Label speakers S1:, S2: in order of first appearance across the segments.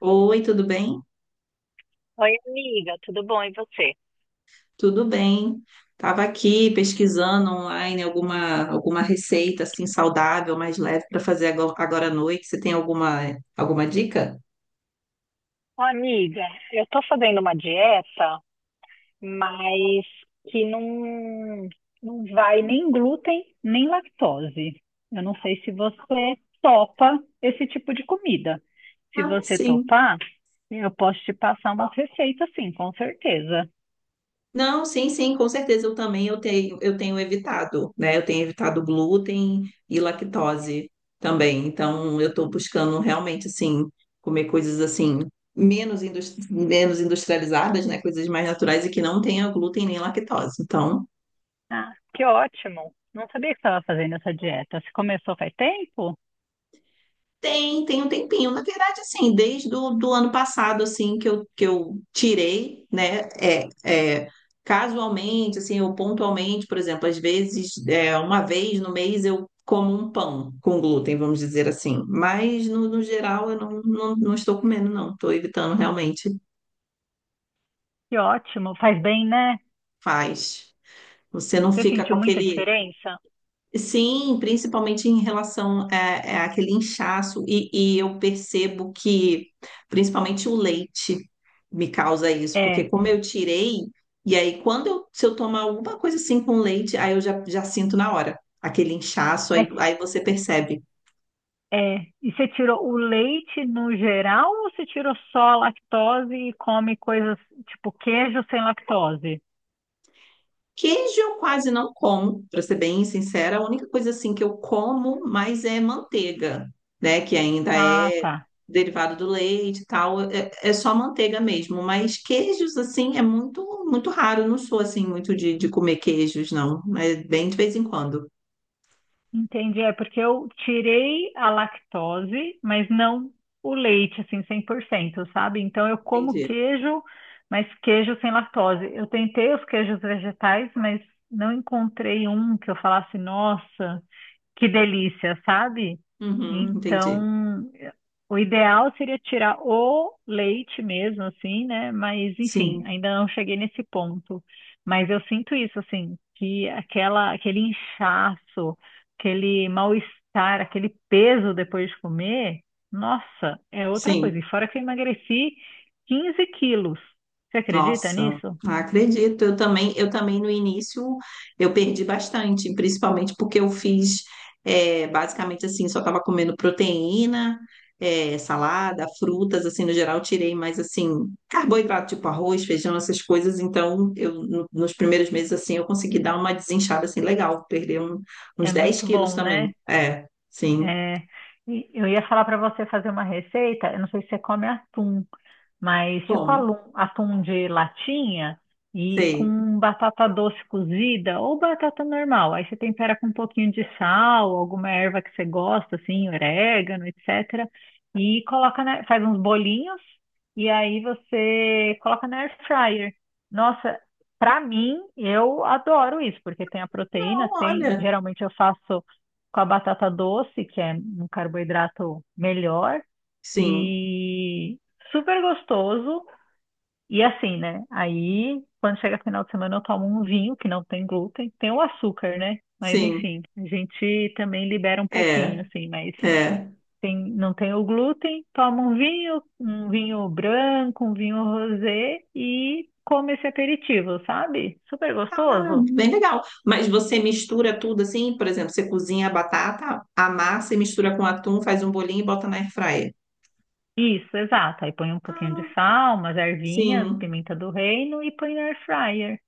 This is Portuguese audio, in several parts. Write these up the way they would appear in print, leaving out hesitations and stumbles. S1: Oi, tudo bem?
S2: Oi, amiga, tudo bom? E você?
S1: Tudo bem. Estava aqui pesquisando online alguma receita assim saudável, mais leve para fazer agora à noite. Você tem alguma dica?
S2: Ô, amiga, eu tô fazendo uma dieta, mas que não vai nem glúten, nem lactose. Eu não sei se você topa esse tipo de comida. Se
S1: Ah,
S2: você
S1: sim.
S2: topar, eu posso te passar umas receitas, sim, com certeza.
S1: Não, sim, sim, com certeza eu também eu tenho evitado, né? Eu tenho evitado glúten e lactose também. Então eu estou buscando realmente assim comer coisas assim menos industrializadas, né? Coisas mais naturais e que não tenha glúten nem lactose. Então
S2: Ah, que ótimo! Não sabia que estava fazendo essa dieta. Você começou faz tempo?
S1: Tem um tempinho. Na verdade, assim, desde do ano passado, assim, que eu tirei, né? Casualmente, assim, ou pontualmente, por exemplo, às vezes, uma vez no mês eu como um pão com glúten, vamos dizer assim. Mas, no geral, eu não estou comendo, não. Estou evitando realmente.
S2: Que ótimo! Faz bem, né?
S1: Faz. Você não
S2: Você
S1: fica com
S2: sentiu muita
S1: aquele
S2: diferença?
S1: Sim, principalmente em relação àquele inchaço, e eu percebo que principalmente o leite me causa isso, porque
S2: É,
S1: como eu tirei, e aí se eu tomar alguma coisa assim com leite, aí eu já sinto na hora aquele inchaço, aí,
S2: mas
S1: aí você percebe.
S2: E você tirou o leite no geral ou você tirou só a lactose e come coisas tipo queijo sem lactose?
S1: Queijo eu quase não como, para ser bem sincera, a única coisa assim que eu como mais é manteiga, né? Que ainda
S2: Ah,
S1: é
S2: tá.
S1: derivado do leite e tal, é só manteiga mesmo. Mas queijos assim é muito muito raro. Eu não sou assim muito de comer queijos, não. É bem de vez em quando.
S2: Entendi. É porque eu tirei a lactose, mas não o leite, assim, 100%, sabe? Então eu como
S1: Entendi.
S2: queijo, mas queijo sem lactose. Eu tentei os queijos vegetais, mas não encontrei um que eu falasse, nossa. Que delícia, sabe?
S1: Uhum, entendi.
S2: Então, o ideal seria tirar o leite mesmo, assim, né? Mas, enfim,
S1: Sim,
S2: ainda não cheguei nesse ponto. Mas eu sinto isso, assim, que aquele inchaço, aquele mal-estar, aquele peso depois de comer, nossa, é outra
S1: sim.
S2: coisa. E fora que eu emagreci 15 quilos. Você acredita
S1: Nossa,
S2: nisso?
S1: acredito. Eu também no início eu perdi bastante, principalmente porque eu fiz basicamente assim, só estava comendo proteína, salada, frutas, assim, no geral, tirei mais assim, carboidrato, tipo arroz, feijão, essas coisas. Então, eu nos primeiros meses assim eu consegui dar uma desinchada assim legal, perder uns
S2: É
S1: 10
S2: muito
S1: quilos
S2: bom, né?
S1: também. É, sim.
S2: É, e eu ia falar para você fazer uma receita. Eu não sei se você come atum, mas tipo
S1: Bom,
S2: atum de latinha e
S1: sei.
S2: com batata doce cozida ou batata normal. Aí você tempera com um pouquinho de sal, alguma erva que você gosta, assim, orégano, etc. E coloca na, faz uns bolinhos e aí você coloca na air fryer. Nossa, pra mim, eu adoro isso, porque tem a
S1: Não,
S2: proteína, tem,
S1: olha,
S2: geralmente eu faço com a batata doce, que é um carboidrato melhor,
S1: sim,
S2: e super gostoso. E assim, né? Aí, quando chega final de semana, eu tomo um vinho que não tem glúten, tem o açúcar, né? Mas
S1: sim.
S2: enfim, a gente também libera um pouquinho,
S1: É.
S2: assim, mas
S1: É.
S2: tem, não tem o glúten, toma um vinho branco, um vinho rosé e come esse aperitivo, sabe? Super gostoso.
S1: Bem legal. Mas você mistura tudo assim, por exemplo, você cozinha a batata, amassa e mistura com atum, faz um bolinho e bota na airfryer.
S2: Isso, exato. Aí põe um pouquinho de sal, umas ervinhas,
S1: Sim.
S2: pimenta do reino e põe no air fryer.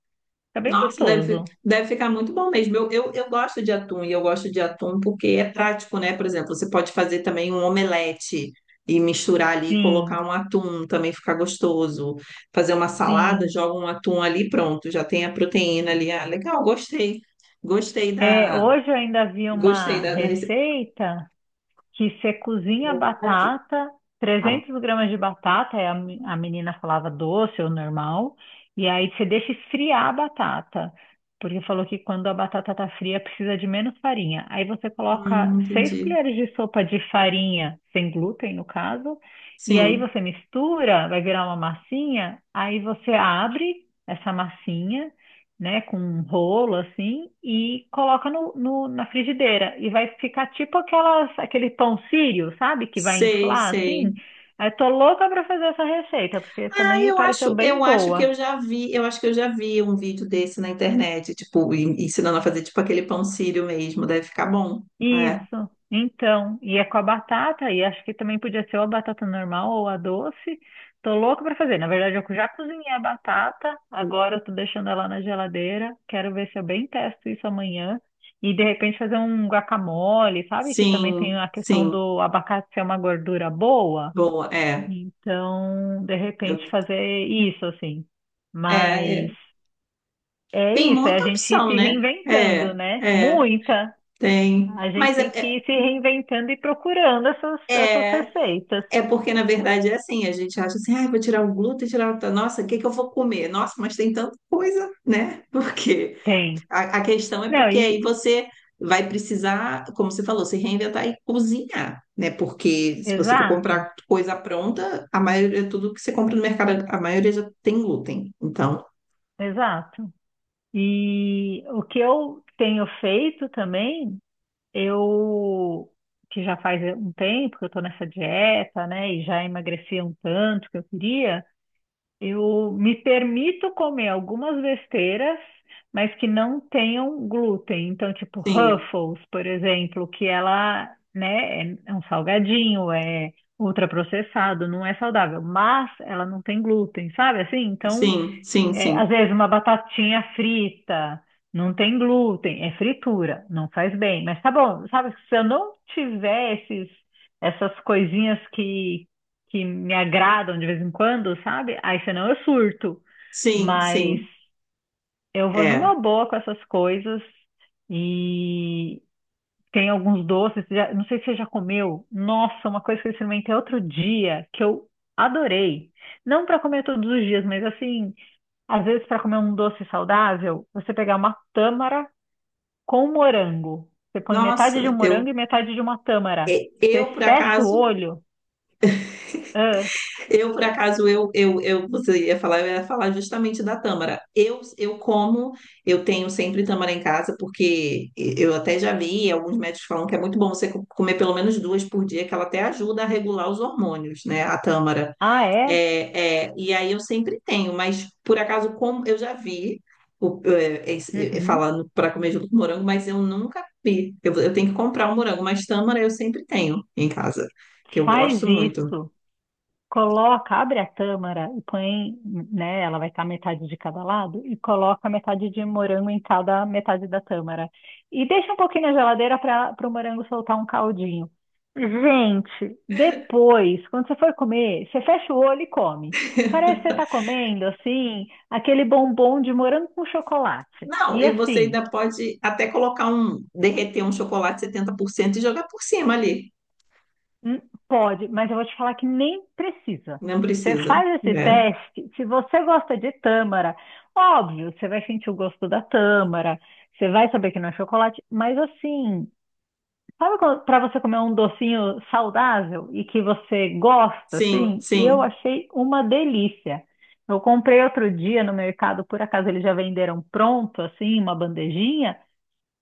S2: Fica bem
S1: Nossa, deve, fi-
S2: gostoso.
S1: deve ficar muito bom mesmo. Eu gosto de atum e eu gosto de atum porque é prático, né? Por exemplo, você pode fazer também um omelete e misturar ali, e colocar
S2: Sim.
S1: um atum, também fica gostoso. Fazer uma salada,
S2: Sim.
S1: joga um atum ali, pronto, já tem a proteína ali. Ah, legal, gostei. Gostei
S2: É,
S1: da,
S2: hoje eu ainda vi
S1: gostei
S2: uma
S1: da, da receita.
S2: receita que você cozinha batata, 300 gramas de batata, aí a menina falava doce ou normal, e aí você deixa esfriar a batata, porque falou que quando a batata tá fria precisa de menos farinha. Aí você coloca 6
S1: Entendi.
S2: colheres de sopa de farinha, sem glúten no caso, e aí
S1: Sim,
S2: você mistura, vai virar uma massinha, aí você abre essa massinha, né, com um rolo assim e coloca na frigideira e vai ficar tipo aquele pão sírio, sabe, que vai
S1: sei,
S2: inflar
S1: sei.
S2: assim. Eu tô louca para fazer essa receita porque
S1: Ah,
S2: também me pareceu bem
S1: eu acho que eu
S2: boa.
S1: já vi, eu acho que eu já vi um vídeo desse na internet, tipo, ensinando a fazer tipo aquele pão sírio mesmo, deve ficar bom. É.
S2: Isso, então, e é com a batata, e acho que também podia ser ou a batata normal ou a doce. Tô louca pra fazer. Na verdade, eu já cozinhei a batata, agora eu tô deixando ela na geladeira. Quero ver se eu bem testo isso amanhã. E de repente fazer um guacamole, sabe? Que também tem
S1: Sim,
S2: a questão
S1: sim.
S2: do abacate ser uma gordura boa.
S1: Boa, é.
S2: Então, de repente
S1: Eu-
S2: fazer isso assim.
S1: é,
S2: Mas
S1: é.
S2: é
S1: Tem
S2: isso, é a
S1: muita
S2: gente ir
S1: opção,
S2: se
S1: né?
S2: reinventando,
S1: É,
S2: né?
S1: é,
S2: Muita.
S1: tem.
S2: A gente
S1: Mas
S2: tem que ir se reinventando e procurando essas
S1: é, é
S2: receitas.
S1: é porque na verdade é assim, a gente acha assim, ai, vou tirar o glúten, Nossa, o que que eu vou comer? Nossa, mas tem tanta coisa, né? Por quê?
S2: Tem.
S1: A questão é
S2: Não,
S1: porque aí
S2: e
S1: você vai precisar, como você falou, se reinventar e cozinhar, né? Porque se você for
S2: exato,
S1: comprar coisa pronta, a maioria, tudo que você compra no mercado, a maioria já tem glúten. Então,
S2: exato. E o que eu tenho feito também, eu que já faz um tempo que eu estou nessa dieta, né, e já emagreci um tanto que eu queria. Eu me permito comer algumas besteiras, mas que não tenham glúten. Então, tipo,
S1: sim,
S2: Ruffles, por exemplo, que ela, né, é um salgadinho, é ultraprocessado, não é saudável, mas ela não tem glúten, sabe assim? Então,
S1: sim, sim,
S2: é,
S1: sim,
S2: às vezes uma batatinha frita, não tem glúten, é fritura, não faz bem. Mas tá bom, sabe, se eu não tiver essas coisinhas que me agradam de vez em quando, sabe? Aí senão eu surto.
S1: sim,
S2: Mas
S1: sim.
S2: eu vou
S1: É.
S2: numa boa com essas coisas e tem alguns doces. Não sei se você já comeu. Nossa, uma coisa que eu experimentei outro dia que eu adorei. Não para comer todos os dias, mas assim. Às vezes, para comer um doce saudável, você pegar uma tâmara com morango. Você põe metade de um
S1: Nossa, eu,
S2: morango e metade de uma tâmara.
S1: e-
S2: Você
S1: eu por
S2: fecha o
S1: acaso
S2: olho. Ah,
S1: Eu, por acaso, eu ia falar justamente da tâmara. Eu tenho sempre tâmara em casa, porque eu até já li, alguns médicos falam que é muito bom você comer pelo menos duas por dia, que ela até ajuda a regular os hormônios, né? A tâmara.
S2: ah, é?
S1: E aí eu sempre tenho, mas por acaso, como eu já vi.
S2: Uhum.
S1: Falando para comer junto com morango, mas eu nunca vi. Eu tenho que comprar um morango, mas tâmara eu sempre tenho em casa, que eu
S2: Faz
S1: gosto muito.
S2: isso. Coloca, abre a tâmara e põe, né? Ela vai estar metade de cada lado e coloca metade de morango em cada metade da tâmara. E deixa um pouquinho na geladeira para o morango soltar um caldinho. Gente, depois, quando você for comer, você fecha o olho e come. Parece que você está comendo, assim, aquele bombom de morango com chocolate.
S1: Não,
S2: E
S1: e você
S2: assim,
S1: ainda pode até derreter um chocolate 70% e jogar por cima ali.
S2: hum, pode, mas eu vou te falar que nem precisa.
S1: Não
S2: Você
S1: precisa.
S2: faz esse
S1: É.
S2: teste, se você gosta de tâmara, óbvio, você vai sentir o gosto da tâmara, você vai saber que não é chocolate, mas assim, sabe, para você comer um docinho saudável e que você gosta,
S1: Sim,
S2: assim? Eu
S1: sim.
S2: achei uma delícia. Eu comprei outro dia no mercado, por acaso eles já venderam pronto, assim, uma bandejinha,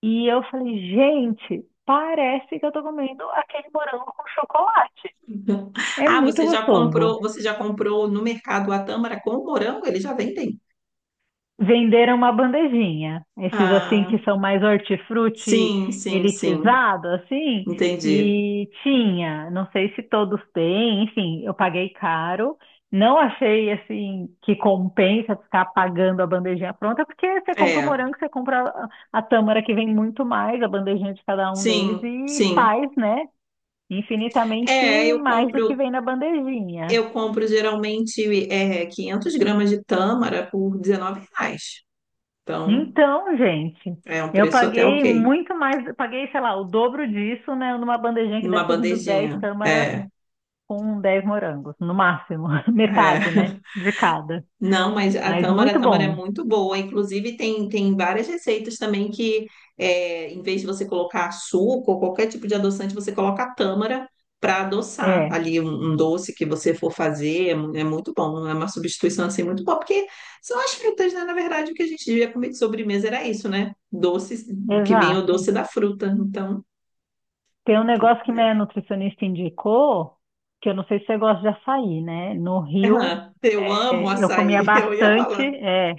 S2: e eu falei, gente, parece que eu tô comendo aquele morango com chocolate. É
S1: Ah,
S2: muito
S1: você já
S2: gostoso.
S1: comprou, você já comprou no mercado a tâmara com o morango? Eles já vendem?
S2: Venderam uma bandejinha, esses assim que
S1: Ah,
S2: são mais hortifruti
S1: sim, sim, sim.
S2: elitizado, assim,
S1: Entendi.
S2: e tinha, não sei se todos têm, enfim, eu paguei caro. Não achei assim que compensa ficar pagando a bandejinha pronta, porque você compra o
S1: É,
S2: morango, você compra a tâmara que vem muito mais, a bandejinha de cada um deles,
S1: sim,
S2: e
S1: sim.
S2: faz, né? Infinitamente
S1: É, eu
S2: mais do que
S1: compro,
S2: vem na bandejinha.
S1: eu compro geralmente 500 gramas de tâmara por R$ 19. Então,
S2: Então, gente,
S1: é um
S2: eu
S1: preço até
S2: paguei
S1: ok.
S2: muito mais, paguei, sei lá, o dobro disso, né, numa bandejinha que
S1: Numa
S2: deve ter vindo 10
S1: bandejinha.
S2: tâmaras
S1: É,
S2: com 10 morangos, no máximo, metade, né,
S1: é.
S2: de cada.
S1: Não, mas a
S2: Mas
S1: tâmara, a
S2: muito
S1: tâmara é
S2: bom.
S1: muito boa. Inclusive, tem várias receitas também que, em vez de você colocar açúcar ou qualquer tipo de adoçante, você coloca a tâmara para adoçar
S2: É,
S1: ali um doce que você for fazer. É muito bom, é uma substituição assim muito boa, porque são as frutas, né? Na verdade, o que a gente devia comer de sobremesa era isso, né? Doces, que vinha o
S2: exato.
S1: doce da fruta. Então,
S2: Tem um
S1: que-
S2: negócio que minha nutricionista indicou, que eu não sei se você gosta de açaí, né? No Rio,
S1: Ah, eu amo
S2: é, eu comia
S1: açaí, eu ia
S2: bastante.
S1: falar.
S2: É,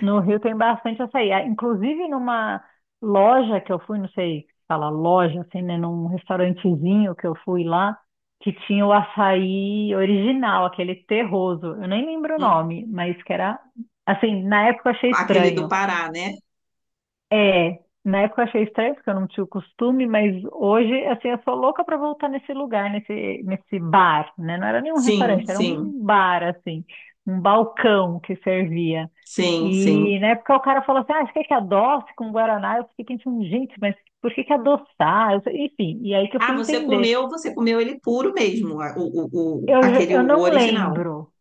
S2: no Rio tem bastante açaí. Ah, inclusive, numa loja que eu fui, não sei se fala loja, assim, né? Num restaurantezinho que eu fui lá, que tinha o açaí original, aquele terroso. Eu nem lembro o nome, mas que era, assim, na época eu achei
S1: Aquele do
S2: estranho.
S1: Pará, né?
S2: Na época eu achei estranho, porque eu não tinha o costume, mas hoje, assim, eu sou louca para voltar nesse lugar, nesse bar, né? Não era nenhum
S1: Sim,
S2: restaurante, era
S1: sim,
S2: um bar, assim, um balcão que servia.
S1: sim, sim.
S2: E na época o cara falou assim, ah, você quer que adoce com Guaraná? Eu fiquei pensando, gente, mas por que que adoçar? Eu sei- enfim, e aí que eu
S1: Ah,
S2: fui
S1: você
S2: entender.
S1: comeu, você comeu ele puro mesmo, a- o, o, o-
S2: Eu, já-
S1: aquele
S2: eu
S1: o
S2: não
S1: original.
S2: lembro,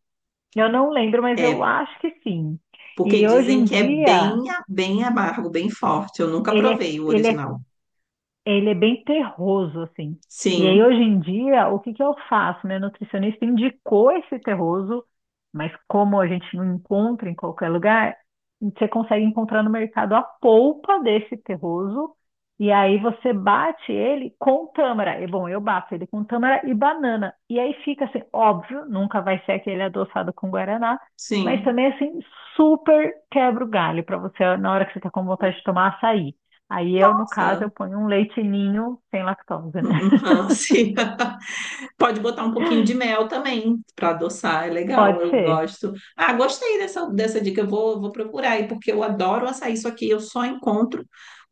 S2: eu não lembro, mas eu
S1: É,
S2: acho que sim.
S1: porque
S2: E hoje
S1: dizem
S2: em
S1: que é
S2: dia,
S1: bem amargo, bem forte. Eu nunca
S2: ele é,
S1: provei o
S2: ele é
S1: original.
S2: Ele é bem terroso, assim. E aí,
S1: Sim,
S2: hoje em dia, o que que eu faço? Meu nutricionista indicou esse terroso, mas como a gente não encontra em qualquer lugar, você consegue encontrar no mercado a polpa desse terroso, e aí você bate ele com tâmara. E, bom, eu bato ele com tâmara e banana. E aí fica assim, óbvio, nunca vai ser aquele adoçado com guaraná, mas
S1: sim.
S2: também assim, super quebra o galho para você na hora que você está com vontade de tomar açaí. Aí eu, no caso, eu
S1: Nossa.
S2: ponho um leite ninho sem lactose, né?
S1: Uhum, sim. Pode botar um pouquinho de mel também para adoçar, é
S2: Pode
S1: legal, eu
S2: ser.
S1: gosto. Ah, gostei dessa dica, eu vou procurar aí, porque eu adoro açaí, só que eu só encontro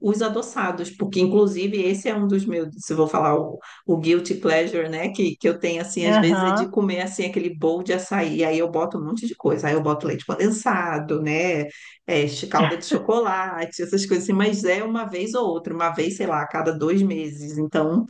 S1: os adoçados, porque inclusive esse é um dos meus, se eu vou falar o guilty pleasure, né, que eu tenho assim, às vezes é de
S2: Aham.
S1: comer assim aquele bowl de açaí, aí eu boto um monte de coisa, aí eu boto leite condensado, né, calda de chocolate, essas coisas assim, mas é uma vez ou outra, uma vez, sei lá, a cada 2 meses, então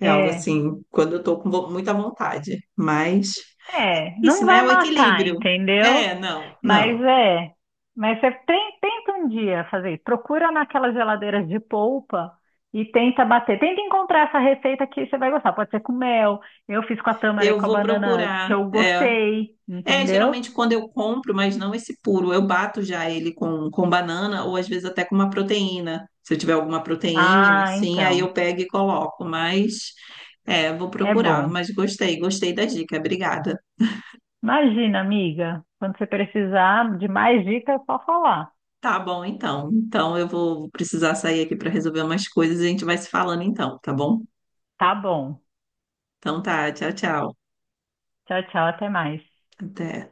S1: é algo
S2: É.
S1: assim, quando eu tô com muita vontade. Mas
S2: É,
S1: isso,
S2: não
S1: né? é
S2: vai
S1: O
S2: matar,
S1: equilíbrio.
S2: entendeu?
S1: É, não,
S2: Mas
S1: não.
S2: é. Mas você tem- tenta um dia fazer isso. Procura naquelas geladeiras de polpa e tenta bater. Tenta encontrar essa receita que você vai gostar. Pode ser com mel. Eu fiz com a tâmara e
S1: Eu
S2: com a
S1: vou
S2: banana que
S1: procurar.
S2: eu
S1: É,
S2: gostei,
S1: é
S2: entendeu?
S1: geralmente quando eu compro, mas não esse puro. Eu bato já ele com banana ou às vezes até com uma proteína. Se eu tiver alguma proteína,
S2: Ah,
S1: sim, aí
S2: então.
S1: eu pego e coloco. Mas vou
S2: É
S1: procurar.
S2: bom.
S1: Mas gostei da dica. Obrigada.
S2: Imagina, amiga. Quando você precisar de mais dicas, é só falar.
S1: Tá bom, então. Então eu vou precisar sair aqui para resolver umas coisas e a gente vai se falando então, tá bom?
S2: Tá bom.
S1: Então tá, tchau, tchau.
S2: Tchau, tchau. Até mais.
S1: Até.